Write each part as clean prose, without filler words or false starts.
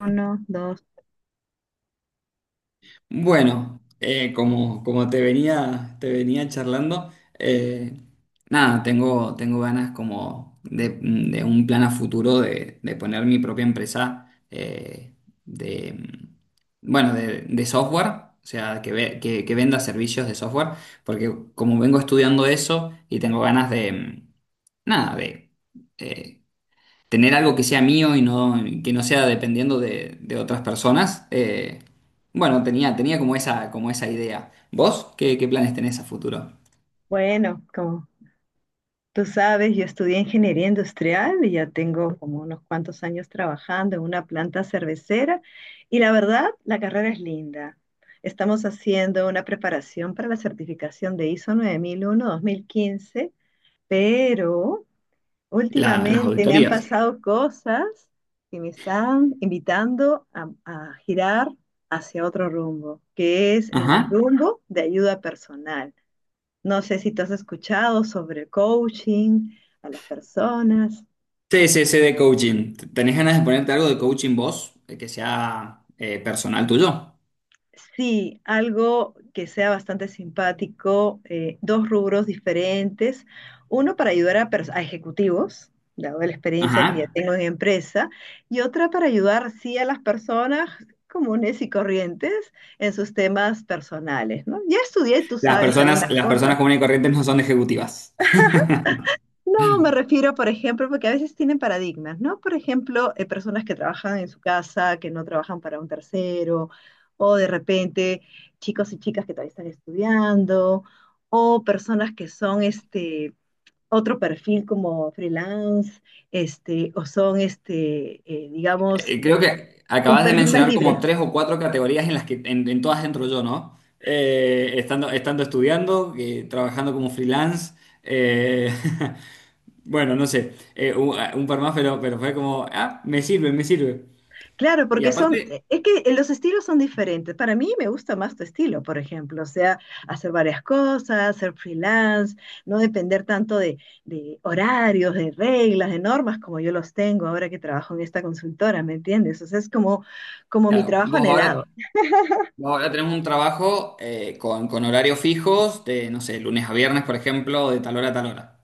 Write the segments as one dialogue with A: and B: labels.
A: Uno, dos.
B: Bueno, como te venía charlando, eh, nada, tengo ganas como de un plan a futuro de poner mi propia empresa de, bueno, de software, o sea, que venda servicios de software, porque como vengo estudiando eso y tengo ganas nada, eh, tener algo que sea mío y que no sea dependiendo de otras personas. Bueno, tenía como esa idea. ¿Vos qué planes tenés a futuro?
A: Bueno, como tú sabes, yo estudié ingeniería industrial y ya tengo como unos cuantos años trabajando en una planta cervecera y la verdad, la carrera es linda. Estamos haciendo una preparación para la certificación de ISO 9001:2015, pero
B: Las
A: últimamente me han
B: auditorías.
A: pasado cosas que me están invitando a, girar hacia otro rumbo, que es en
B: Ajá.
A: el rumbo de ayuda personal. No sé si tú has escuchado sobre el coaching a las personas.
B: Sí, sí, sí, de coaching. ¿Tenés ganas de ponerte algo de coaching vos, que sea, personal tuyo?
A: Sí, algo que sea bastante simpático, dos rubros diferentes. Uno para ayudar a, a ejecutivos, dado la
B: Ajá.
A: experiencia que ya tengo en empresa, y otra para ayudar, sí, a las personas comunes y corrientes en sus temas personales, ¿no? Ya estudié, tú sabes, algunas
B: Las personas
A: cosas.
B: comunes y corrientes no son ejecutivas.
A: No, me refiero, por ejemplo, porque a veces tienen paradigmas, ¿no? Por ejemplo, personas que trabajan en su casa, que no trabajan para un tercero, o de repente chicos y chicas que todavía están estudiando, o personas que son este otro perfil como freelance, este, o son este, digamos,
B: Creo que
A: un
B: acabas de
A: perfil más
B: mencionar como
A: libre.
B: tres o cuatro categorías en las que en todas entro yo, ¿no? Estando, estando estudiando, trabajando como freelance. eh, bueno, no sé, un par más, pero fue como, me sirve, me sirve.
A: Claro,
B: Y
A: porque son,
B: aparte,
A: es que los estilos son diferentes. Para mí me gusta más tu estilo, por ejemplo, o sea, hacer varias cosas, ser freelance, no depender tanto de, horarios, de reglas, de normas como yo los tengo ahora que trabajo en esta consultora, ¿me entiendes? O sea, es como, como mi
B: claro,
A: trabajo anhelado.
B: vos ahora tenés un trabajo, con horarios fijos, de, no sé, lunes a viernes, por ejemplo, de tal hora a tal hora.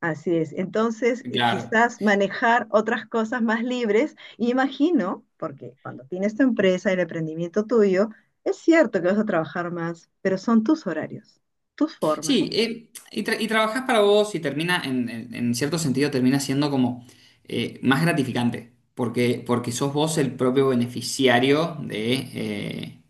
A: Así es. Entonces, y
B: Claro.
A: quizás manejar otras cosas más libres. Y imagino, porque cuando tienes tu empresa, el emprendimiento tuyo, es cierto que vas a trabajar más, pero son tus horarios, tus formas.
B: Sí, y trabajas para vos y termina, en cierto sentido, termina siendo como más gratificante, porque, porque sos vos el propio beneficiario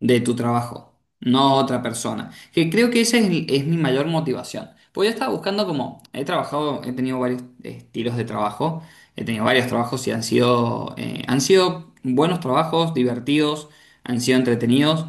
B: de tu trabajo, no otra persona. Que creo que esa es, es mi mayor motivación. Pues yo estaba buscando como, he trabajado, he tenido varios estilos de trabajo, he tenido varios trabajos y han sido buenos trabajos, divertidos, han sido entretenidos.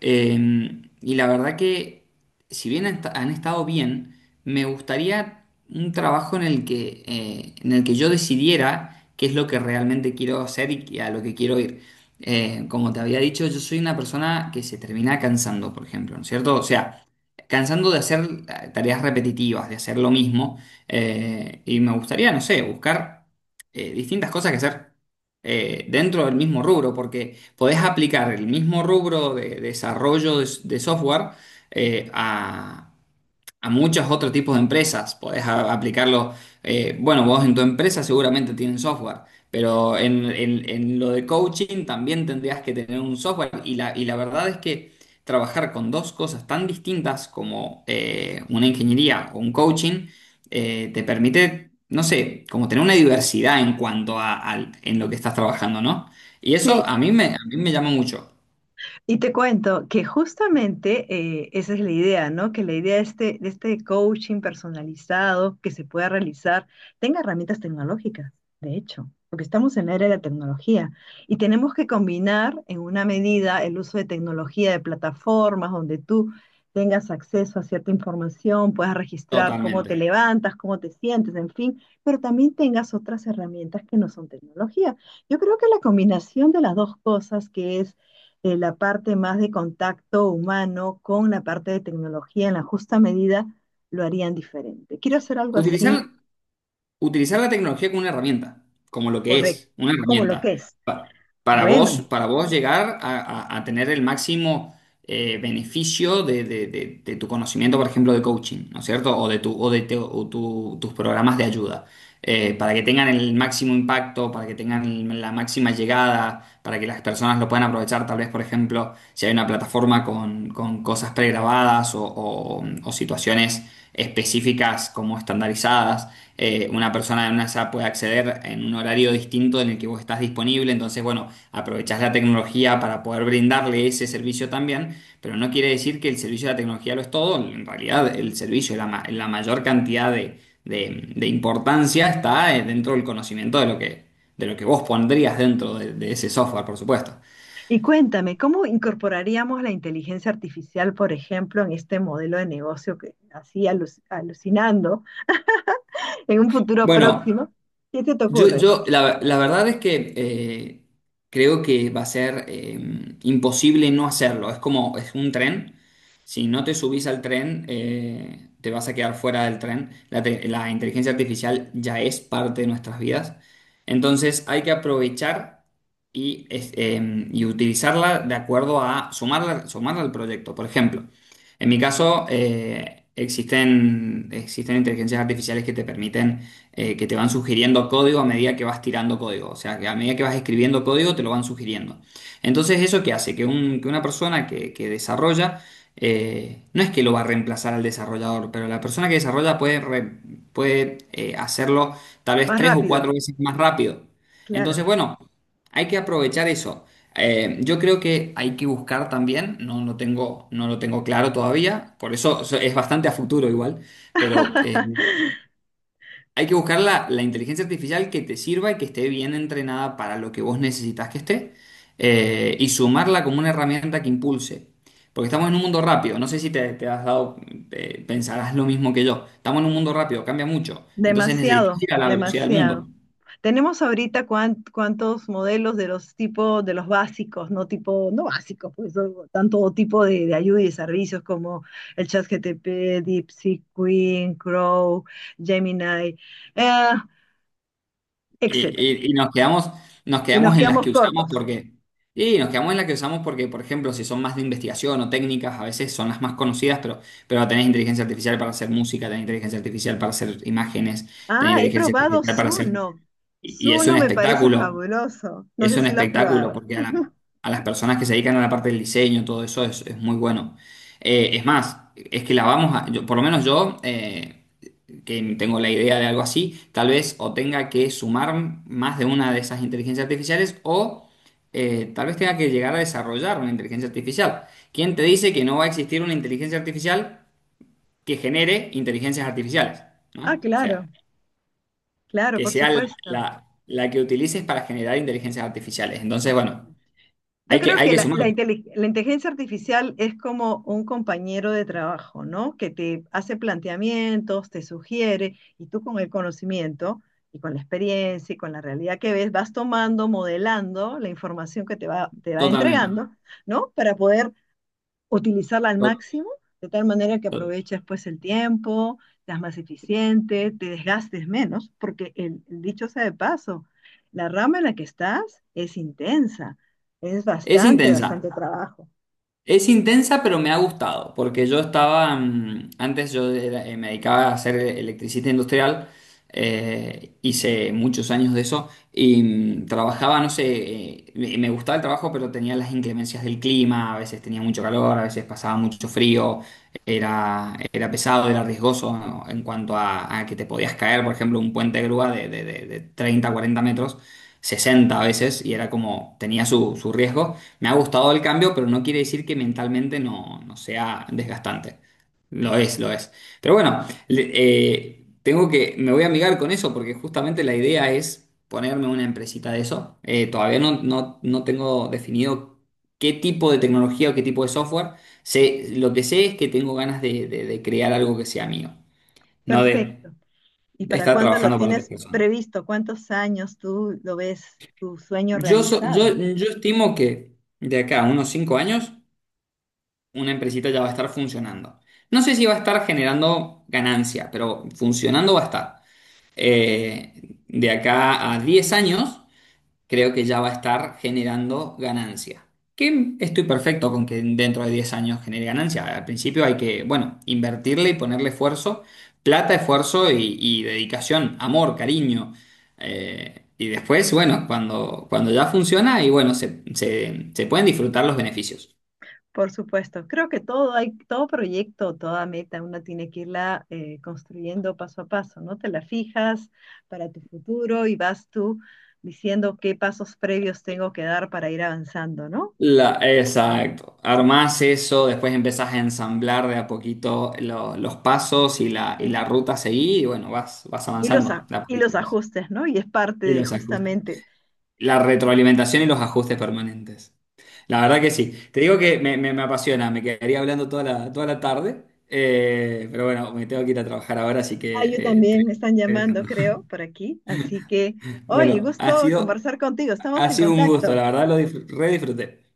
B: Eh, y la verdad que, si bien han estado bien, me gustaría un trabajo en el que yo decidiera qué es lo que realmente quiero hacer y a lo que quiero ir. Como te había dicho, yo soy una persona que se termina cansando, por ejemplo, ¿no es cierto? O sea, cansando de hacer tareas repetitivas, de hacer lo mismo. Y me gustaría, no sé, buscar distintas cosas que hacer dentro del mismo rubro, porque podés aplicar el mismo rubro de desarrollo de software, eh, a muchos otros tipos de empresas. Aplicarlo, bueno, vos en tu empresa seguramente tienen software, pero en lo de coaching también tendrías que tener un software. Y la verdad es que trabajar con dos cosas tan distintas como una ingeniería o un coaching te permite, no sé, como tener una diversidad en cuanto en lo que estás trabajando, ¿no? Y eso
A: Sí,
B: a mí me llama mucho,
A: y te cuento que justamente esa es la idea, ¿no? Que la idea de este coaching personalizado que se pueda realizar tenga herramientas tecnológicas, de hecho, porque estamos en la era de la tecnología y tenemos que combinar en una medida el uso de tecnología, de plataformas donde tú tengas acceso a cierta información, puedas registrar cómo te
B: totalmente.
A: levantas, cómo te sientes, en fin, pero también tengas otras herramientas que no son tecnología. Yo creo que la combinación de las dos cosas, que es la parte más de contacto humano con la parte de tecnología en la justa medida lo harían diferente. Quiero hacer algo
B: Utilizar,
A: así.
B: utilizar la tecnología como una herramienta, como lo que
A: Correcto,
B: es, una
A: como lo que
B: herramienta,
A: es.
B: pa-
A: Bueno,
B: para vos llegar a tener el máximo beneficio de tu conocimiento, por ejemplo, de coaching, ¿no es cierto? O de, tu, o de te- o tu- tus programas de ayuda, para que tengan el máximo impacto, para que tengan la máxima llegada, para que las personas lo puedan aprovechar, tal vez, por ejemplo, si hay una plataforma con cosas pregrabadas o situaciones específicas como estandarizadas, una persona en una SAP puede acceder en un horario distinto en el que vos estás disponible. Entonces, bueno, aprovechás la tecnología para poder brindarle ese servicio también, pero no quiere decir que el servicio de la tecnología lo es todo. En realidad, el servicio, la mayor cantidad de importancia está, dentro del conocimiento de lo que vos pondrías dentro de ese software, por supuesto.
A: y cuéntame, ¿cómo incorporaríamos la inteligencia artificial, por ejemplo, en este modelo de negocio que así alucinando en un futuro
B: Bueno,
A: próximo? ¿Qué se te
B: Yo,
A: ocurre?
B: yo la, la verdad es que creo que va a ser imposible no hacerlo. Es como, es un tren. Si no te subís al tren, te vas a quedar fuera del tren. La inteligencia artificial ya es parte de nuestras vidas. Entonces hay que aprovechar y, y utilizarla de acuerdo a sumarla, sumarla al proyecto. Por ejemplo, en mi caso, existen inteligencias artificiales que te permiten, que te van sugiriendo código a medida que vas tirando código. O sea, que a medida que vas escribiendo código, te lo van sugiriendo. Entonces, ¿eso qué hace? Que una persona que desarrolla, no es que lo va a reemplazar al desarrollador, pero la persona que desarrolla puede, puede hacerlo tal vez
A: Más
B: tres o
A: rápido,
B: cuatro veces más rápido.
A: claro.
B: Entonces, bueno. Hay que aprovechar eso. Yo creo que hay que buscar también, no tengo, no lo tengo claro todavía, por eso es bastante a futuro igual, pero hay que buscar la, la inteligencia artificial que te sirva y que esté bien entrenada para lo que vos necesitas que esté, y sumarla como una herramienta que impulse. Porque estamos en un mundo rápido, no sé si te has dado, pensarás lo mismo que yo, estamos en un mundo rápido, cambia mucho, entonces
A: Demasiado,
B: necesitas ir a la velocidad del
A: demasiado.
B: mundo.
A: Tenemos ahorita cuántos modelos de los tipos, de los básicos, no tipo, no básicos, pues o- tanto tipo de ayuda y de servicios como el ChatGTP, DeepSeek, Queen, Crow, Gemini, eh,
B: Y,
A: etcétera.
B: y nos
A: Y nos
B: quedamos en las que
A: quedamos
B: usamos
A: cortos.
B: porque, y nos quedamos en las que usamos porque, por ejemplo, si son más de investigación o técnicas, a veces son las más conocidas, pero tenés inteligencia artificial para hacer música, tenés inteligencia artificial para hacer imágenes, tenés
A: Ah, he
B: inteligencia
A: probado
B: artificial para hacer...
A: Zuno.
B: Y, y
A: Zuno me parece fabuloso. No
B: es
A: sé
B: un
A: si lo has
B: espectáculo,
A: probado.
B: porque a las personas que se dedican a la parte del diseño, todo eso es muy bueno. Es más, es que la vamos a, por lo menos yo... que tengo la idea de algo así, tal vez o tenga que sumar más de una de esas inteligencias artificiales o tal vez tenga que llegar a desarrollar una inteligencia artificial. ¿Quién te dice que no va a existir una inteligencia artificial que genere inteligencias artificiales?
A: Ah,
B: ¿No? O sea,
A: claro, claro,
B: que
A: por
B: sea la,
A: supuesto,
B: la- la que utilices para generar inteligencias artificiales. Entonces,
A: por
B: bueno,
A: supuesto. Yo creo
B: hay
A: que
B: que
A: la, la
B: sumarlo
A: inteli- la inteligencia artificial es como un compañero de trabajo, ¿no? Que te hace planteamientos, te sugiere, y tú con el conocimiento y con la experiencia y con la realidad que ves, vas tomando, modelando la información que te va
B: totalmente.
A: entregando, ¿no? Para poder utilizarla al
B: To-
A: máximo, de tal manera que
B: to-
A: aproveches pues el tiempo, seas más eficiente, te desgastes menos, porque el dicho sea de paso, la rama en la que estás es intensa, es
B: Es
A: bastante,
B: intensa.
A: bastante trabajo.
B: Es intensa, pero me ha gustado, porque yo estaba, antes yo me dedicaba a ser electricista industrial, hice muchos años de eso, y trabajaba, no sé, me gustaba el trabajo, pero tenía las inclemencias del clima, a veces tenía mucho calor, a veces pasaba mucho frío, era, era pesado, era riesgoso, ¿no?, en cuanto a que te podías caer, por ejemplo, un puente de grúa de 30, 40 metros, 60 a veces, y era como, tenía su, su riesgo. Me ha gustado el cambio, pero no quiere decir que mentalmente no sea desgastante. Lo es, lo es. Pero bueno, tengo que, me voy a amigar con eso porque justamente la idea es ponerme una empresita de eso. Todavía no tengo definido qué tipo de tecnología o qué tipo de software. Sé, lo que sé es que tengo ganas de, de crear algo que sea mío, no de
A: Perfecto. ¿Y para
B: estar
A: cuándo lo
B: trabajando para otras
A: tienes
B: personas.
A: previsto? ¿Cuántos años tú lo ves tu sueño
B: Yo,
A: realizado?
B: yo estimo que de acá a unos 5 años una empresita ya va a estar funcionando. No sé si va a estar generando ganancia, pero funcionando va a estar. Eh, de acá a 10 años, creo que ya va a estar generando ganancia. Que estoy perfecto con que dentro de 10 años genere ganancia. Al principio hay que, bueno, invertirle y ponerle esfuerzo, plata, esfuerzo y dedicación, amor, cariño. Y después, bueno, cuando, cuando ya funciona y bueno, se pueden disfrutar los beneficios.
A: Por supuesto, creo que todo hay, todo proyecto, toda meta, una tiene que irla construyendo paso a paso, ¿no? Te la fijas para tu futuro y vas tú diciendo qué pasos previos tengo que dar para ir avanzando, ¿no?
B: La, exacto. Armás eso, después empezás a ensamblar de a poquito los pasos y
A: Y,
B: la ruta a seguir, y bueno, vas, vas
A: y los,
B: avanzando
A: a-
B: de a
A: y
B: poquito.
A: los ajustes, ¿no? Y es parte
B: Y
A: de
B: los ajustes.
A: justamente.
B: La retroalimentación y los ajustes permanentes. La verdad que sí. Te digo que me, me apasiona, me quedaría hablando toda la tarde, pero bueno, me tengo que ir a trabajar ahora, así
A: Ah, yo
B: que
A: también me están
B: te
A: llamando,
B: dejando.
A: creo, por aquí. Así que, oye,
B: Bueno,
A: gusto conversar contigo. Estamos
B: ha
A: en
B: sido un gusto, la
A: contacto.
B: verdad lo re disfruté.